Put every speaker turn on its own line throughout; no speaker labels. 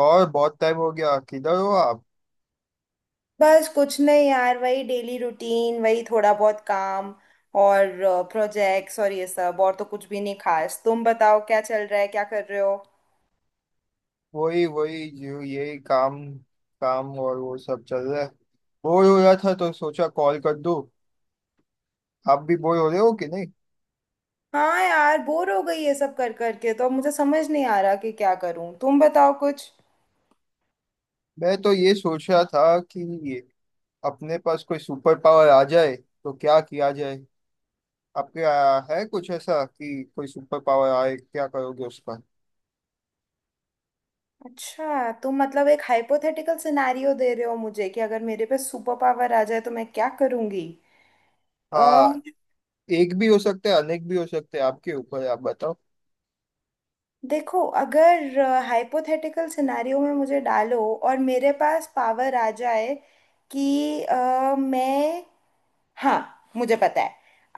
और बहुत टाइम हो गया, किधर हो आप।
बस कुछ नहीं यार, वही डेली रूटीन, वही थोड़ा बहुत काम और प्रोजेक्ट्स और ये सब। और तो कुछ भी नहीं खास। तुम बताओ, क्या चल रहा है, क्या कर रहे हो।
वही वही जो यही काम काम और वो सब चल रहा है। बोर हो रहा था तो सोचा कॉल कर दूं। आप भी बोर हो रहे हो कि नहीं।
हाँ यार, बोर हो गई ये सब कर कर के। तो अब मुझे समझ नहीं आ रहा कि क्या करूं। तुम बताओ कुछ।
मैं तो ये सोच रहा था कि ये अपने पास कोई सुपर पावर आ जाए तो क्या किया जाए। आपके है कुछ ऐसा कि कोई सुपर पावर आए क्या करोगे उस पर।
अच्छा, तुम मतलब एक हाइपोथेटिकल सिनेरियो दे रहे हो मुझे कि अगर मेरे पे सुपर पावर आ जाए तो मैं क्या करूंगी।
हाँ, एक भी हो सकता है अनेक भी हो सकते हैं, आपके ऊपर है, आप बताओ।
देखो, अगर हाइपोथेटिकल सिनेरियो में मुझे डालो और मेरे पास पावर आ जाए कि मैं, हाँ मुझे पता है।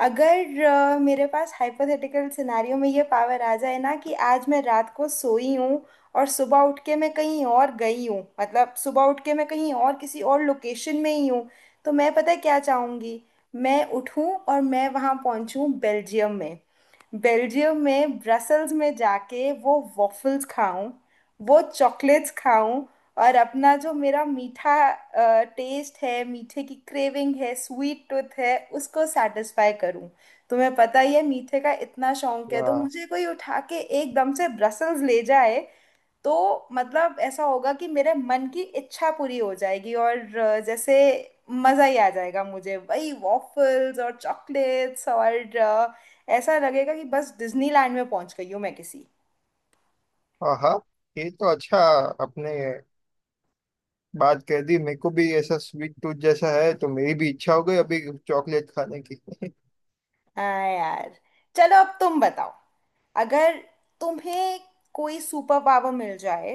अगर मेरे पास हाइपोथेटिकल सिनारियो में ये पावर आ जाए ना कि आज मैं रात को सोई हूँ और सुबह उठ के मैं कहीं और गई हूँ, मतलब सुबह उठ के मैं कहीं और किसी और लोकेशन में ही हूँ। तो मैं, पता है क्या चाहूँगी? मैं उठूँ और मैं वहाँ पहुँचूँ, बेल्जियम में। बेल्जियम में ब्रसल्स में जाके वो वॉफल्स खाऊं, वो चॉकलेट्स खाऊं और अपना जो मेरा मीठा टेस्ट है, मीठे की क्रेविंग है, स्वीट टूथ है, उसको सेटिस्फाई करूं। तुम्हें पता ही है मीठे का इतना शौक है, तो
हाँ
मुझे कोई उठा के एकदम से ब्रसल्स ले जाए। तो मतलब ऐसा होगा कि मेरे मन की इच्छा पूरी हो जाएगी और जैसे मज़ा ही आ जाएगा मुझे, वही वॉफल्स और चॉकलेट्स और ऐसा लगेगा कि बस डिज्नीलैंड में पहुंच गई हूँ मैं किसी।
हाँ हाँ, ये तो अच्छा अपने बात कह दी। मेरे को भी ऐसा स्वीट टूथ जैसा है, तो मेरी भी इच्छा हो गई अभी चॉकलेट खाने की।
हाँ यार, चलो अब तुम बताओ, अगर तुम्हें कोई सुपर पावर मिल जाए,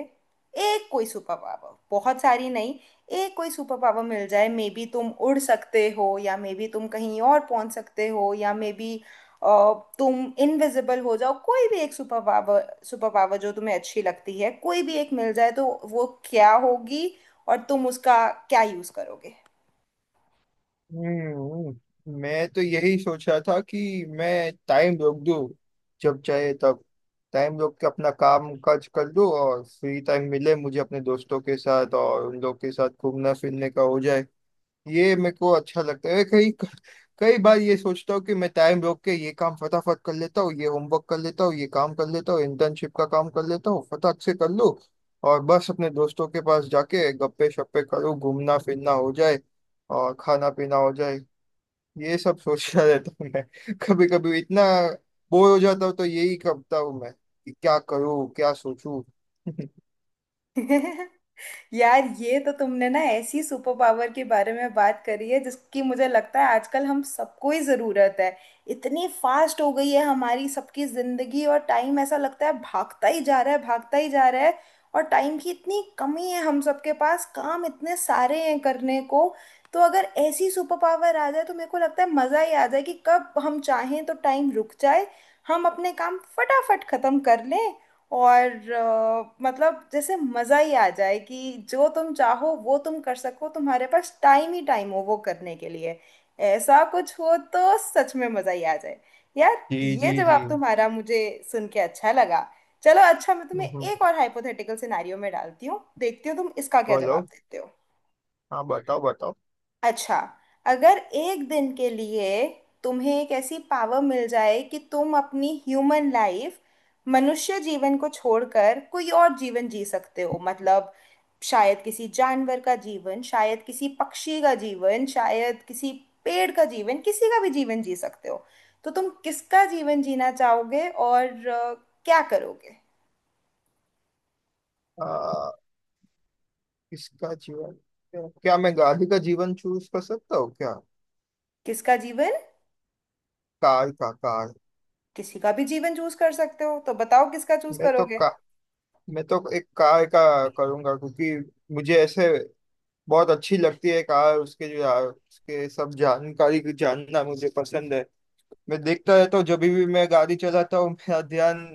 एक कोई सुपर पावर, बहुत सारी नहीं, एक कोई सुपर पावर मिल जाए, मे बी तुम उड़ सकते हो, या मे बी तुम कहीं और पहुंच सकते हो, या मे बी तुम इनविजिबल हो जाओ, कोई भी एक सुपर पावर, सुपर पावर जो तुम्हें अच्छी लगती है, कोई भी एक मिल जाए, तो वो क्या होगी और तुम उसका क्या यूज करोगे?
मैं तो यही सोच रहा था कि मैं टाइम रोक दूं, जब चाहे तब टाइम रोक के अपना काम काज कर दूं और फ्री टाइम मिले मुझे अपने दोस्तों के साथ, और उन लोग के साथ घूमना फिरने का हो जाए। ये मेरे को अच्छा लगता है। कई कई बार ये सोचता हूँ कि मैं टाइम रोक के ये काम फटाफट कर लेता हूँ, ये होमवर्क कर लेता हूँ, ये काम कर लेता हूँ, इंटर्नशिप का काम कर लेता हूँ, फटाक से कर लूँ। और बस अपने दोस्तों के पास जाके गप्पे शप्पे करूँ, घूमना फिरना हो जाए और खाना पीना हो जाए। ये सब सोचता रहता हूँ मैं। कभी कभी इतना बोर हो जाता हूँ तो यही करता हूँ मैं कि क्या करूँ क्या सोचूं।
यार, ये तो तुमने ना ऐसी सुपर पावर के बारे में बात करी है जिसकी मुझे लगता है आजकल हम सबको ही ज़रूरत है। इतनी फास्ट हो गई है हमारी सबकी ज़िंदगी और टाइम ऐसा लगता है भागता ही जा रहा है, भागता ही जा रहा है। और टाइम की इतनी कमी है, हम सबके पास काम इतने सारे हैं करने को। तो अगर ऐसी सुपर पावर आ जाए तो मेरे को लगता है मज़ा ही आ जाए कि कब हम चाहें तो टाइम रुक जाए, हम अपने काम फटाफट ख़त्म कर लें। और मतलब जैसे मज़ा ही आ जाए कि जो तुम चाहो वो तुम कर सको, तुम्हारे पास टाइम ही टाइम हो वो करने के लिए। ऐसा कुछ हो तो सच में मज़ा ही आ जाए यार।
जी
ये
जी जी।
जवाब तुम्हारा मुझे सुन के अच्छा लगा। चलो अच्छा, मैं तुम्हें
हम्म,
एक और हाइपोथेटिकल सिनेरियो में डालती हूँ, देखती हूँ तुम इसका क्या
बोलो।
जवाब देते हो।
हाँ बताओ बताओ।
अच्छा, अगर एक दिन के लिए तुम्हें एक ऐसी पावर मिल जाए कि तुम अपनी ह्यूमन लाइफ, मनुष्य जीवन को छोड़कर कोई और जीवन जी सकते हो, मतलब शायद किसी जानवर का जीवन, शायद किसी पक्षी का जीवन, शायद किसी पेड़ का जीवन, किसी का भी जीवन जी सकते हो, तो तुम किसका जीवन जीना चाहोगे और क्या करोगे?
आ, किसका जीवन, क्या क्या मैं गाड़ी का जीवन चूज कर सकता हूँ क्या।
किसका जीवन?
कार का, कार।
किसी का भी जीवन चूज कर सकते हो, तो बताओ किसका चूज
मैं तो
करोगे।
का मैं तो एक कार का करूंगा, क्योंकि मुझे ऐसे बहुत अच्छी लगती है कार। उसके जो उसके सब जानकारी जानना मुझे पसंद है। मैं देखता रहता हूँ, जब भी मैं गाड़ी चलाता हूँ मेरा ध्यान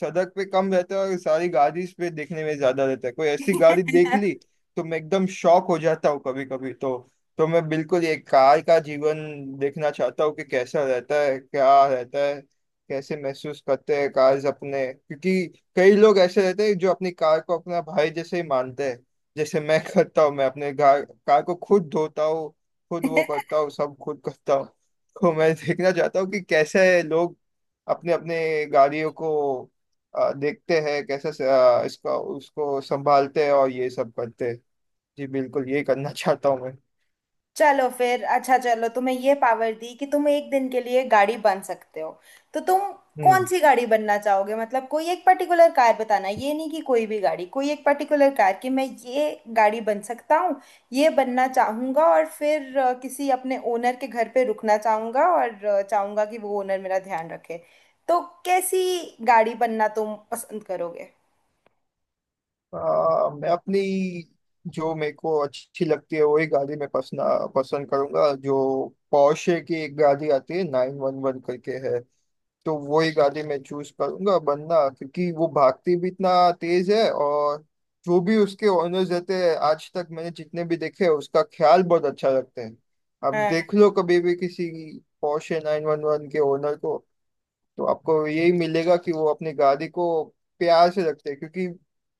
सड़क पे कम रहता है और सारी गाड़ी पे देखने में ज्यादा रहता है। कोई ऐसी गाड़ी देख ली तो मैं एकदम शॉक हो जाता हूँ कभी कभी। तो तो मैं बिल्कुल ये कार का जीवन देखना चाहता हूँ कि कैसा रहता है, क्या रहता है, कैसे महसूस करते हैं कार्स अपने। क्योंकि कई लोग ऐसे रहते हैं जो अपनी कार को अपना भाई जैसे ही मानते हैं। जैसे मैं करता हूँ, मैं अपने कार कार को खुद धोता हूँ, खुद वो करता हूँ, सब खुद करता हूँ। तो मैं देखना चाहता हूँ कि कैसे लोग अपने अपने गाड़ियों को देखते हैं, कैसे इसका उसको संभालते हैं और ये सब करते हैं। जी बिल्कुल ये करना चाहता हूँ मैं।
चलो फिर, अच्छा चलो, तुम्हें ये पावर दी कि तुम एक दिन के लिए गाड़ी बन सकते हो, तो तुम कौन
हम्म।
सी गाड़ी बनना चाहोगे? मतलब कोई एक पर्टिकुलर कार बताना, ये नहीं कि कोई भी गाड़ी, कोई एक पर्टिकुलर कार कि मैं ये गाड़ी बन सकता हूँ, ये बनना चाहूँगा, और फिर किसी अपने ओनर के घर पे रुकना चाहूँगा और चाहूँगा कि वो ओनर मेरा ध्यान रखे। तो कैसी गाड़ी बनना तुम पसंद करोगे?
मैं अपनी जो मेरे को अच्छी लगती है वही गाड़ी मैं पसंद पसंद करूंगा। जो पोर्शे की एक गाड़ी आती है नाइन वन वन करके है, तो वही गाड़ी मैं चूज करूंगा बनना। क्योंकि वो भागती भी इतना तेज है और जो भी उसके ओनर्स रहते हैं आज तक मैंने जितने भी देखे हैं, उसका ख्याल बहुत अच्छा रखते हैं। अब देख लो कभी भी किसी पोर्शे 911 के ओनर को, तो आपको यही मिलेगा कि वो अपनी गाड़ी को प्यार से रखते हैं। क्योंकि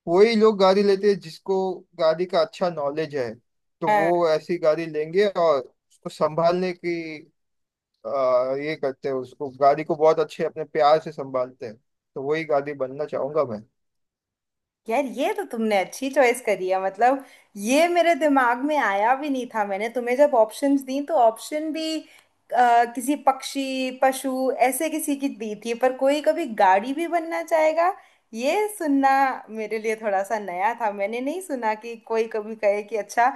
वही लोग गाड़ी लेते हैं जिसको गाड़ी का अच्छा नॉलेज है। तो
हाँ
वो ऐसी गाड़ी लेंगे और उसको संभालने की ये करते हैं। उसको गाड़ी को बहुत अच्छे अपने प्यार से संभालते हैं। तो वही गाड़ी बनना चाहूंगा मैं।
यार, ये तो तुमने अच्छी चॉइस करी है। मतलब ये मेरे दिमाग में आया भी नहीं था। मैंने तुम्हें जब ऑप्शंस दी, तो ऑप्शन भी किसी पक्षी पशु, ऐसे किसी की दी थी, पर कोई कभी गाड़ी भी बनना चाहेगा, ये सुनना मेरे लिए थोड़ा सा नया था। मैंने नहीं सुना कि कोई कभी कहे कि अच्छा,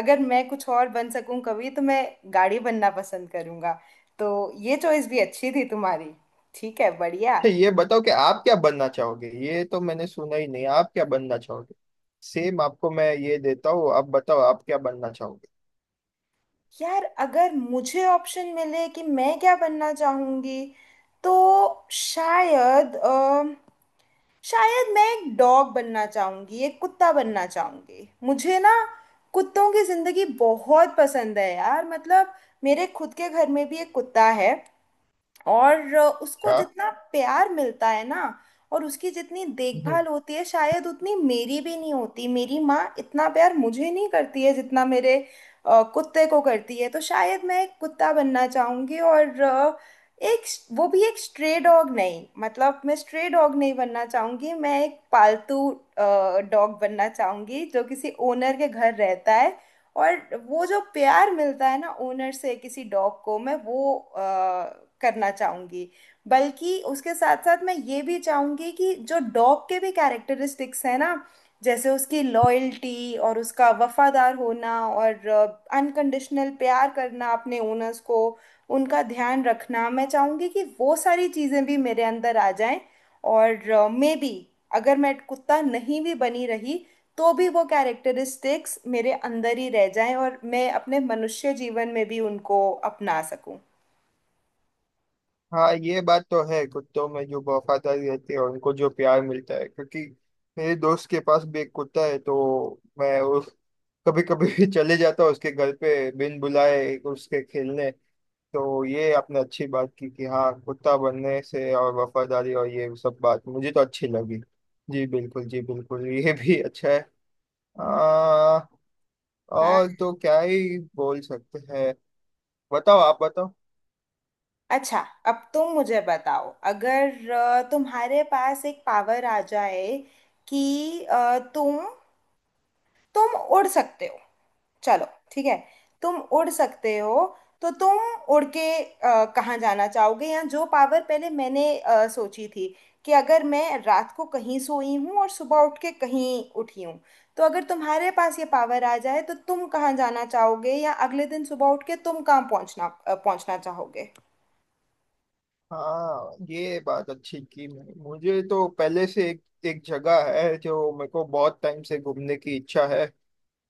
अगर मैं कुछ और बन सकूं कभी, तो मैं गाड़ी बनना पसंद करूंगा। तो ये चॉइस भी अच्छी थी तुम्हारी। ठीक है, बढ़िया।
अच्छा ये बताओ कि आप क्या बनना चाहोगे, ये तो मैंने सुना ही नहीं, आप क्या बनना चाहोगे। सेम आपको मैं ये देता हूँ, आप बताओ आप क्या बनना चाहोगे।
यार, अगर मुझे ऑप्शन मिले कि मैं क्या बनना चाहूंगी, तो शायद अ, शायद मैं एक डॉग बनना चाहूंगी, एक कुत्ता बनना चाहूंगी। मुझे ना कुत्तों की जिंदगी बहुत पसंद है यार। मतलब मेरे खुद के घर में भी एक कुत्ता है और उसको
क्या।
जितना प्यार मिलता है ना, और उसकी जितनी
हम्म।
देखभाल होती है, शायद उतनी मेरी भी नहीं होती। मेरी माँ इतना प्यार मुझे नहीं करती है जितना मेरे कुत्ते को करती है। तो शायद मैं एक कुत्ता बनना चाहूंगी और एक, वो भी एक स्ट्रे डॉग नहीं, मतलब मैं स्ट्रे डॉग नहीं बनना चाहूंगी, मैं एक पालतू डॉग बनना चाहूंगी जो किसी ओनर के घर रहता है। और वो जो प्यार मिलता है ना ओनर से किसी डॉग को, मैं वो करना चाहूंगी। बल्कि उसके साथ साथ मैं ये भी चाहूंगी कि जो डॉग के भी कैरेक्टरिस्टिक्स हैं ना, जैसे उसकी लॉयल्टी और उसका वफादार होना और अनकंडीशनल प्यार करना अपने ओनर्स को, उनका ध्यान रखना, मैं चाहूंगी कि वो सारी चीज़ें भी मेरे अंदर आ जाएं। और मे बी अगर मैं कुत्ता नहीं भी बनी रही, तो भी वो कैरेक्टरिस्टिक्स मेरे अंदर ही रह जाएं और मैं अपने मनुष्य जीवन में भी उनको अपना सकूं।
हाँ ये बात तो है, कुत्तों में जो वफादारी रहती है और उनको जो प्यार मिलता है। क्योंकि मेरे दोस्त के पास भी एक कुत्ता है, तो मैं उस कभी कभी चले जाता हूँ उसके घर पे बिन बुलाए उसके खेलने। तो ये आपने अच्छी बात की कि हाँ कुत्ता बनने से और वफादारी और ये सब बात मुझे तो अच्छी लगी। जी बिल्कुल, जी बिल्कुल, ये भी अच्छा है। आ,
हाँ,
और तो क्या ही बोल सकते हैं। बताओ, आप बताओ।
अच्छा, अब तुम मुझे बताओ। अगर तुम्हारे पास एक पावर आ जाए कि तुम उड़ सकते हो, चलो ठीक है, तुम उड़ सकते हो, तो तुम उड़ के कहाँ जाना चाहोगे? या जो पावर पहले मैंने सोची थी कि अगर मैं रात को कहीं सोई हूँ और सुबह उठ के कहीं उठी हूँ, तो अगर तुम्हारे पास ये पावर आ जाए तो तुम कहाँ जाना चाहोगे, या अगले दिन सुबह उठ के तुम कहाँ पहुँचना चाहोगे?
हाँ ये बात अच्छी की। मुझे तो पहले से एक एक जगह है जो मेरे को बहुत टाइम से घूमने की इच्छा है।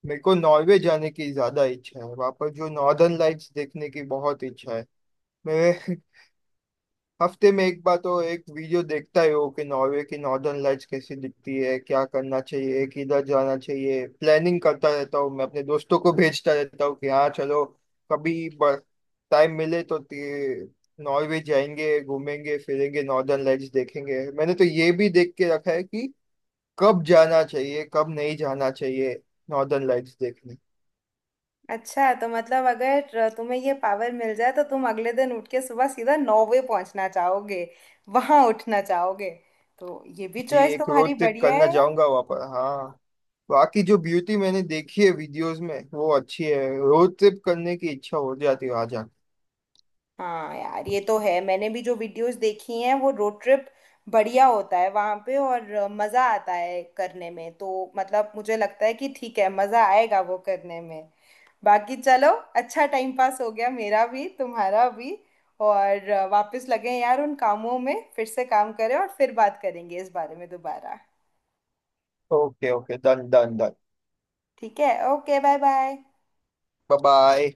मेरे को नॉर्वे जाने की ज्यादा इच्छा है, वहाँ पर जो नॉर्दर्न लाइट्स देखने की बहुत इच्छा है। मैं हफ्ते में एक बार तो एक वीडियो देखता ही हो कि नॉर्वे की नॉर्दर्न लाइट्स कैसी दिखती है, क्या करना चाहिए, किधर जाना चाहिए। प्लानिंग करता रहता हूँ मैं, अपने दोस्तों को भेजता रहता हूँ कि हाँ चलो कभी टाइम मिले तो नॉर्वे जाएंगे, घूमेंगे फिरेंगे, नॉर्दर्न लाइट्स देखेंगे। मैंने तो ये भी देख के रखा है कि कब जाना चाहिए कब नहीं जाना चाहिए नॉर्दर्न लाइट्स देखने।
अच्छा, तो मतलब अगर तुम्हें ये पावर मिल जाए तो तुम अगले दिन उठ के सुबह सीधा नौवे पहुंचना चाहोगे, वहां उठना चाहोगे। तो ये भी
जी
चॉइस
एक
तुम्हारी
रोड ट्रिप
बढ़िया
करना
है।
चाहूंगा वहाँ पर, हाँ। बाकी जो ब्यूटी मैंने देखी है वीडियोस में वो अच्छी है, रोड ट्रिप करने की इच्छा हो जाती है आ जाके।
हाँ यार, ये तो है, मैंने भी जो वीडियोस देखी हैं, वो रोड ट्रिप बढ़िया होता है वहाँ पे और मज़ा आता है करने में। तो मतलब मुझे लगता है कि ठीक है, मज़ा आएगा वो करने में। बाकी चलो, अच्छा टाइम पास हो गया मेरा भी तुम्हारा भी। और वापस लगे यार उन कामों में, फिर से काम करें और फिर बात करेंगे इस बारे में दोबारा।
Okay okay, done done done.
ठीक है, okay, bye bye.
Bye bye.